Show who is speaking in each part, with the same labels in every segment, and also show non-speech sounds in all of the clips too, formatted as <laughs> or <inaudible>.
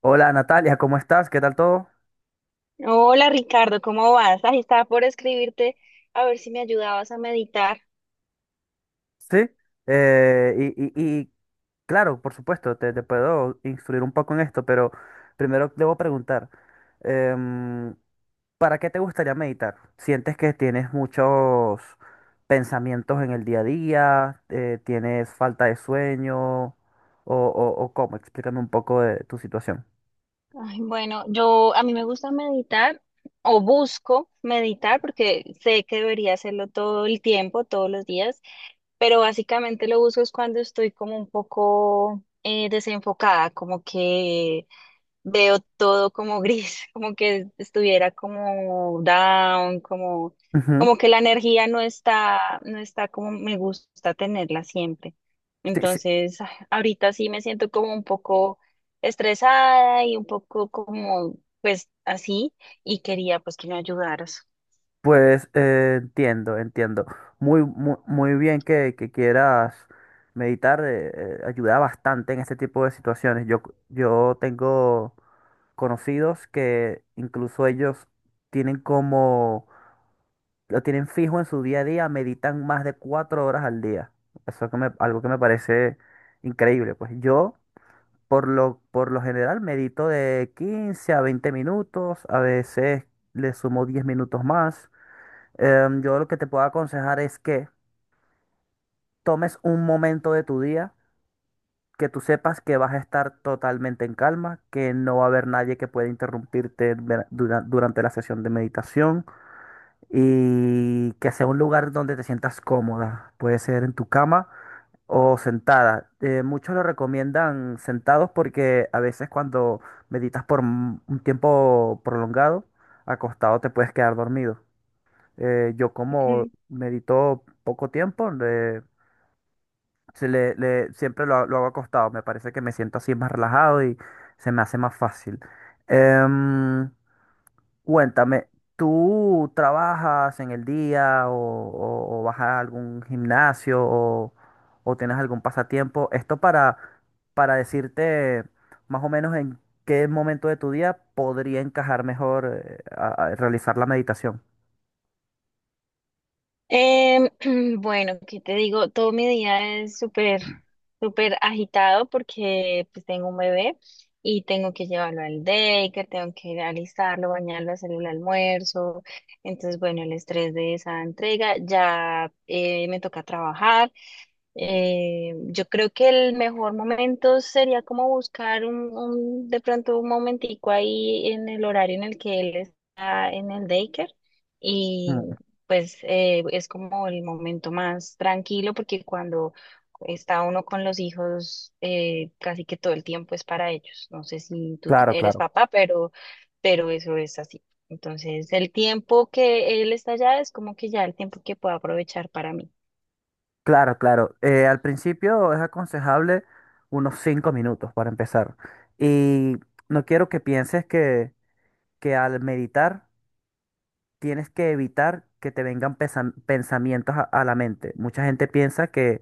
Speaker 1: Hola Natalia, ¿cómo estás? ¿Qué tal todo?
Speaker 2: Hola Ricardo, ¿cómo vas? Ahí estaba por escribirte a ver si me ayudabas a meditar.
Speaker 1: Sí, eh, y, y- y, claro, por supuesto, te puedo instruir un poco en esto, pero primero debo preguntar, em, ¿para qué te gustaría meditar? ¿Sientes que tienes muchos pensamientos en el día a día? ¿Tienes falta de sueño? ¿O cómo? Explícame un poco de tu situación.
Speaker 2: Ay, bueno, yo a mí me gusta meditar o busco meditar porque sé que debería hacerlo todo el tiempo, todos los días, pero básicamente lo busco es cuando estoy como un poco desenfocada, como que veo todo como gris, <laughs> como que estuviera como down, como,
Speaker 1: Ujú.
Speaker 2: como que la energía no está, no está como me gusta tenerla siempre.
Speaker 1: Sí, sí.
Speaker 2: Entonces, ahorita sí me siento como un poco estresada y un poco como, pues así, y quería pues que me ayudaras.
Speaker 1: Pues entiendo, entiendo. Muy, muy, muy bien que quieras meditar, ayuda bastante en este tipo de situaciones. Yo tengo conocidos que incluso ellos tienen lo tienen fijo en su día a día, meditan más de 4 horas al día. Algo que me parece increíble. Pues yo, por lo general, medito de 15 a 20 minutos, a veces le sumo 10 minutos más. Yo lo que te puedo aconsejar es que tomes un momento de tu día que tú sepas que vas a estar totalmente en calma, que no va a haber nadie que pueda interrumpirte durante la sesión de meditación y que sea un lugar donde te sientas cómoda. Puede ser en tu cama o sentada. Muchos lo recomiendan sentados porque a veces cuando meditas por un tiempo prolongado, acostado te puedes quedar dormido. Yo como
Speaker 2: <laughs>
Speaker 1: medito poco tiempo, siempre lo hago acostado. Me parece que me siento así más relajado y se me hace más fácil. Em, Cuéntame, ¿tú trabajas en el día o vas a algún gimnasio o tienes algún pasatiempo? Esto para decirte más o menos en qué momento de tu día podría encajar mejor a realizar la meditación.
Speaker 2: Em, <clears throat> bueno, ¿qué te digo? Todo mi día es súper, súper agitado porque pues tengo un bebé y tengo que llevarlo al daycare, tengo que alistarlo, bañarlo, hacerle el almuerzo. Entonces, bueno, el estrés de esa entrega, ya me toca trabajar. Yo creo que el mejor momento sería como buscar de pronto un momentico ahí en el horario en el que él está en el daycare y
Speaker 1: Mm.
Speaker 2: pues es como el momento más tranquilo porque cuando está uno con los hijos casi que todo el tiempo es para ellos. No sé si tú
Speaker 1: Claro,
Speaker 2: eres
Speaker 1: claro.
Speaker 2: papá, pero eso es así. Entonces el tiempo que él está allá es como que ya el tiempo que puedo aprovechar para mí.
Speaker 1: Claro, claro. Al principio es aconsejable unos 5 minutos para empezar. Y no quiero que pienses que al meditar tienes que evitar que te vengan pensamientos a la mente. Mucha gente piensa que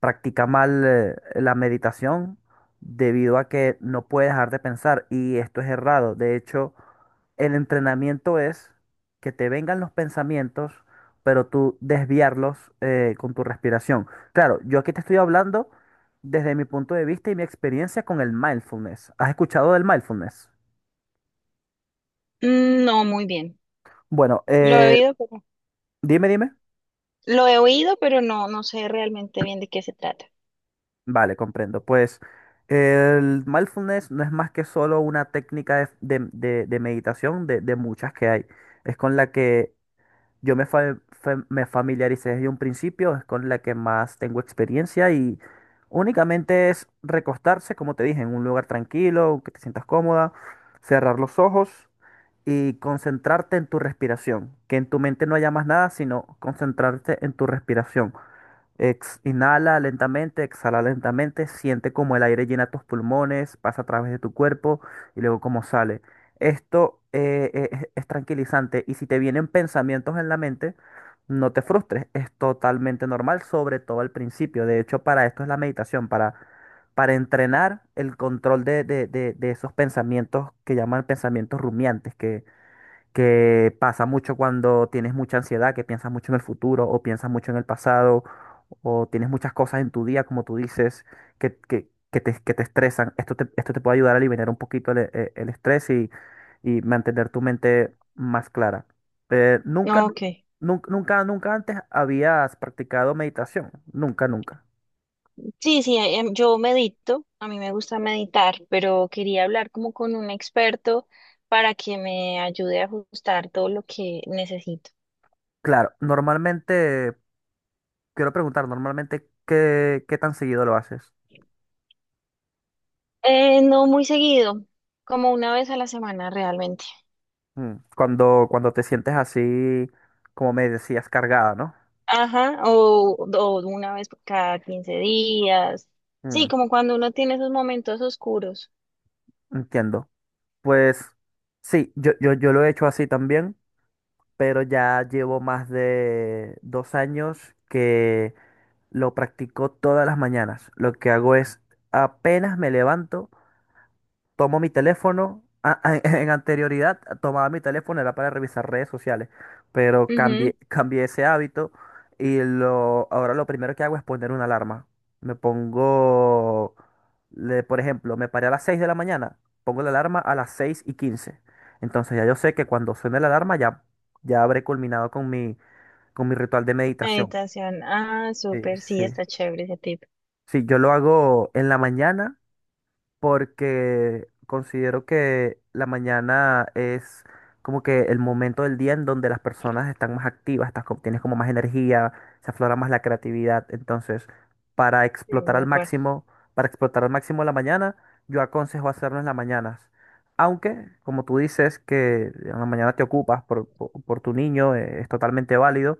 Speaker 1: practica mal la meditación debido a que no puede dejar de pensar y esto es errado. De hecho, el entrenamiento es que te vengan los pensamientos, pero tú desviarlos con tu respiración. Claro, yo aquí te estoy hablando desde mi punto de vista y mi experiencia con el mindfulness. ¿Has escuchado del mindfulness?
Speaker 2: Mm, no, muy bien.
Speaker 1: Bueno,
Speaker 2: Lo he oído, pero
Speaker 1: dime, dime.
Speaker 2: lo he oído, pero no, no sé realmente bien de qué se trata.
Speaker 1: Vale, comprendo. Pues el mindfulness no es más que solo una técnica de meditación de muchas que hay. Es con la que yo me familiaricé desde un principio, es con la que más tengo experiencia y únicamente es recostarse, como te dije, en un lugar tranquilo, que te sientas cómoda, cerrar los ojos y concentrarte en tu respiración. Que en tu mente no haya más nada, sino concentrarte en tu respiración. Inhala lentamente, exhala lentamente, siente como el aire llena tus pulmones, pasa a través de tu cuerpo y luego cómo sale. Esto es tranquilizante y si te vienen pensamientos en la mente, no te frustres, es totalmente normal, sobre todo al principio. De hecho, para esto es la meditación, para entrenar el control de esos pensamientos que llaman pensamientos rumiantes, que pasa mucho cuando tienes mucha ansiedad, que piensas mucho en el futuro o piensas mucho en el pasado o tienes muchas cosas en tu día, como tú dices, que te estresan. Esto te puede ayudar a liberar un poquito el estrés y mantener tu mente más clara. Eh, nunca, nu-
Speaker 2: Ok.
Speaker 1: nunca, nunca, nunca antes habías practicado meditación. Nunca, nunca.
Speaker 2: Sí, sí, yo medito, a mí me gusta meditar, pero quería hablar como con un experto para que me ayude a ajustar todo lo que necesito.
Speaker 1: Claro, normalmente, quiero preguntar, normalmente, ¿qué tan seguido lo haces?
Speaker 2: No muy seguido, como una vez a la semana realmente.
Speaker 1: Mm. Cuando te sientes así, como me decías, cargada, ¿no?
Speaker 2: Ajá, o una vez por cada 15 días. Sí,
Speaker 1: Mm.
Speaker 2: como cuando uno tiene esos momentos oscuros.
Speaker 1: Entiendo. Pues sí, yo lo he hecho así también, pero ya llevo más de 2 años que lo practico todas las mañanas. Lo que hago es, apenas me levanto, tomo mi teléfono. <laughs> En anterioridad tomaba mi teléfono, era para revisar redes sociales, pero
Speaker 2: Ujú,
Speaker 1: cambié, cambié ese hábito y ahora lo primero que hago es poner una alarma. Me pongo, por ejemplo, me paré a las 6 de la mañana, pongo la alarma a las 6:15. Entonces ya yo sé que cuando suene la alarma ya habré culminado con mi ritual de meditación.
Speaker 2: meditación. Ah,
Speaker 1: Sí,
Speaker 2: súper,
Speaker 1: sí.
Speaker 2: sí, está chévere ese tip.
Speaker 1: Sí, yo lo hago en la mañana porque considero que la mañana es como que el momento del día en donde las personas están más activas, tienes como más energía, se aflora más la creatividad. Entonces, para
Speaker 2: Sí,
Speaker 1: explotar
Speaker 2: de
Speaker 1: al
Speaker 2: acuerdo.
Speaker 1: máximo, para explotar al máximo la mañana, yo aconsejo hacerlo en las mañanas. Aunque, como tú dices, que en la mañana te ocupas por tu niño, es totalmente válido,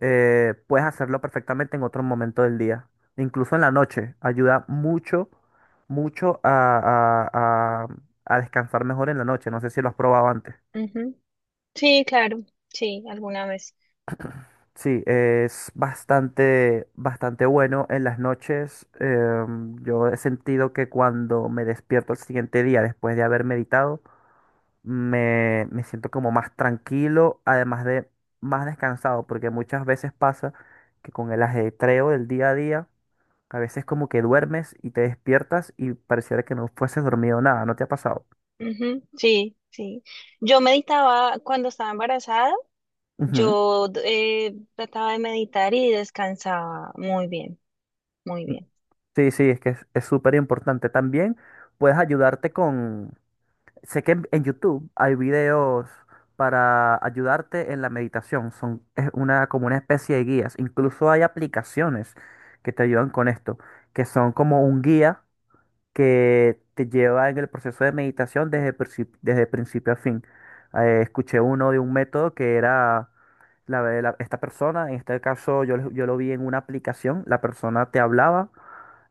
Speaker 1: puedes hacerlo perfectamente en otro momento del día. Incluso en la noche, ayuda mucho mucho a- a- a descansar mejor en la noche. No sé si lo has probado antes.
Speaker 2: Ujú. Sí, claro, sí, alguna vez.
Speaker 1: Sí, es bastante, bastante bueno en las noches. Yo he sentido que cuando me despierto el siguiente día después de haber meditado, me siento como más tranquilo, además de más descansado, porque muchas veces pasa que con el ajetreo del día a día, a veces como que duermes y te despiertas y pareciera que no fueses dormido nada, ¿no te ha pasado?
Speaker 2: Ujú, sí, sí. Yo meditaba cuando estaba embarazada,
Speaker 1: Ujú.
Speaker 2: yo trataba de meditar y descansaba muy bien, muy bien.
Speaker 1: Sí, sí, es que es súper importante. También puedes ayudarte con... Sé que en YouTube hay videos para ayudarte en la meditación. Son Es una, como una especie de guías. Incluso hay aplicaciones que te ayudan con esto, que son como un guía que te lleva en el proceso de meditación desde, desde principio a fin. Escuché uno de un método que era esta persona, en este caso yo, yo lo vi en una aplicación, la persona te hablaba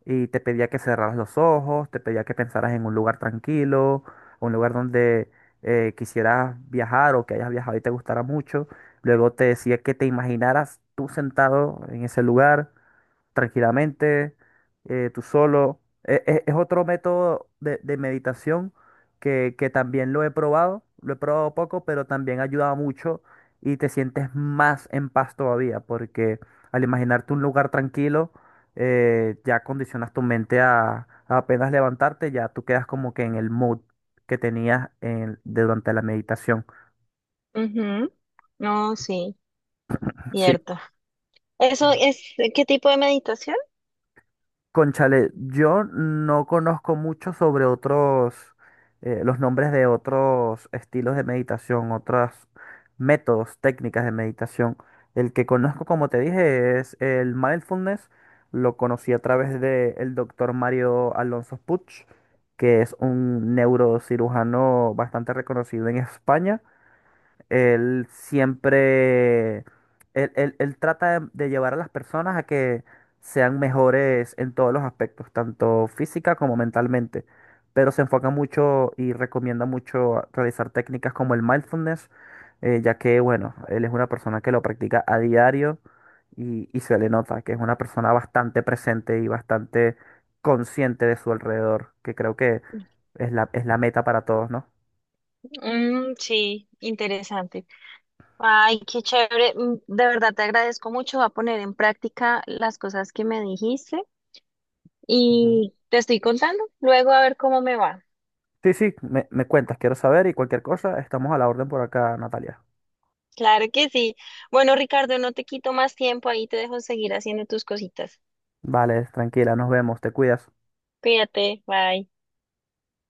Speaker 1: y te pedía que cerraras los ojos, te pedía que pensaras en un lugar tranquilo, un lugar donde quisieras viajar o que hayas viajado y te gustara mucho. Luego te decía que te imaginaras tú sentado en ese lugar tranquilamente, tú solo. Es otro método de meditación que también lo he probado poco, pero también ayuda mucho y te sientes más en paz todavía, porque al imaginarte un lugar tranquilo, ya condicionas tu mente a apenas levantarte, ya tú quedas como que en el mood que tenías durante la meditación.
Speaker 2: Ujú, no, sí,
Speaker 1: Sí.
Speaker 2: cierto. ¿Eso es qué tipo de meditación?
Speaker 1: Conchale, yo no conozco mucho sobre otros, los nombres de otros estilos de meditación, otros métodos, técnicas de meditación. El que conozco, como te dije, es el mindfulness. Lo conocí a través del doctor Mario Alonso Puig, que es un neurocirujano bastante reconocido en España. Él siempre, él- Él trata de llevar a las personas a que sean mejores en todos los aspectos, tanto física como mentalmente, pero se enfoca mucho y recomienda mucho realizar técnicas como el mindfulness, ya que, bueno, él es una persona que lo practica a diario y se le nota que es una persona bastante presente y bastante consciente de su alrededor, que creo que es la meta para todos,
Speaker 2: Mm, sí, interesante. Ay, qué chévere. Mm, de verdad te agradezco mucho. Voy a poner en práctica las cosas que me dijiste
Speaker 1: ¿no?
Speaker 2: y te estoy contando luego a ver cómo me va.
Speaker 1: Sí, sí, me cuentas, quiero saber y cualquier cosa, estamos a la orden por acá, Natalia.
Speaker 2: Claro que sí. Bueno, Ricardo, no te quito más tiempo, ahí te dejo seguir haciendo tus cositas.
Speaker 1: Vale, tranquila, nos vemos, te cuidas.
Speaker 2: Cuídate, bye.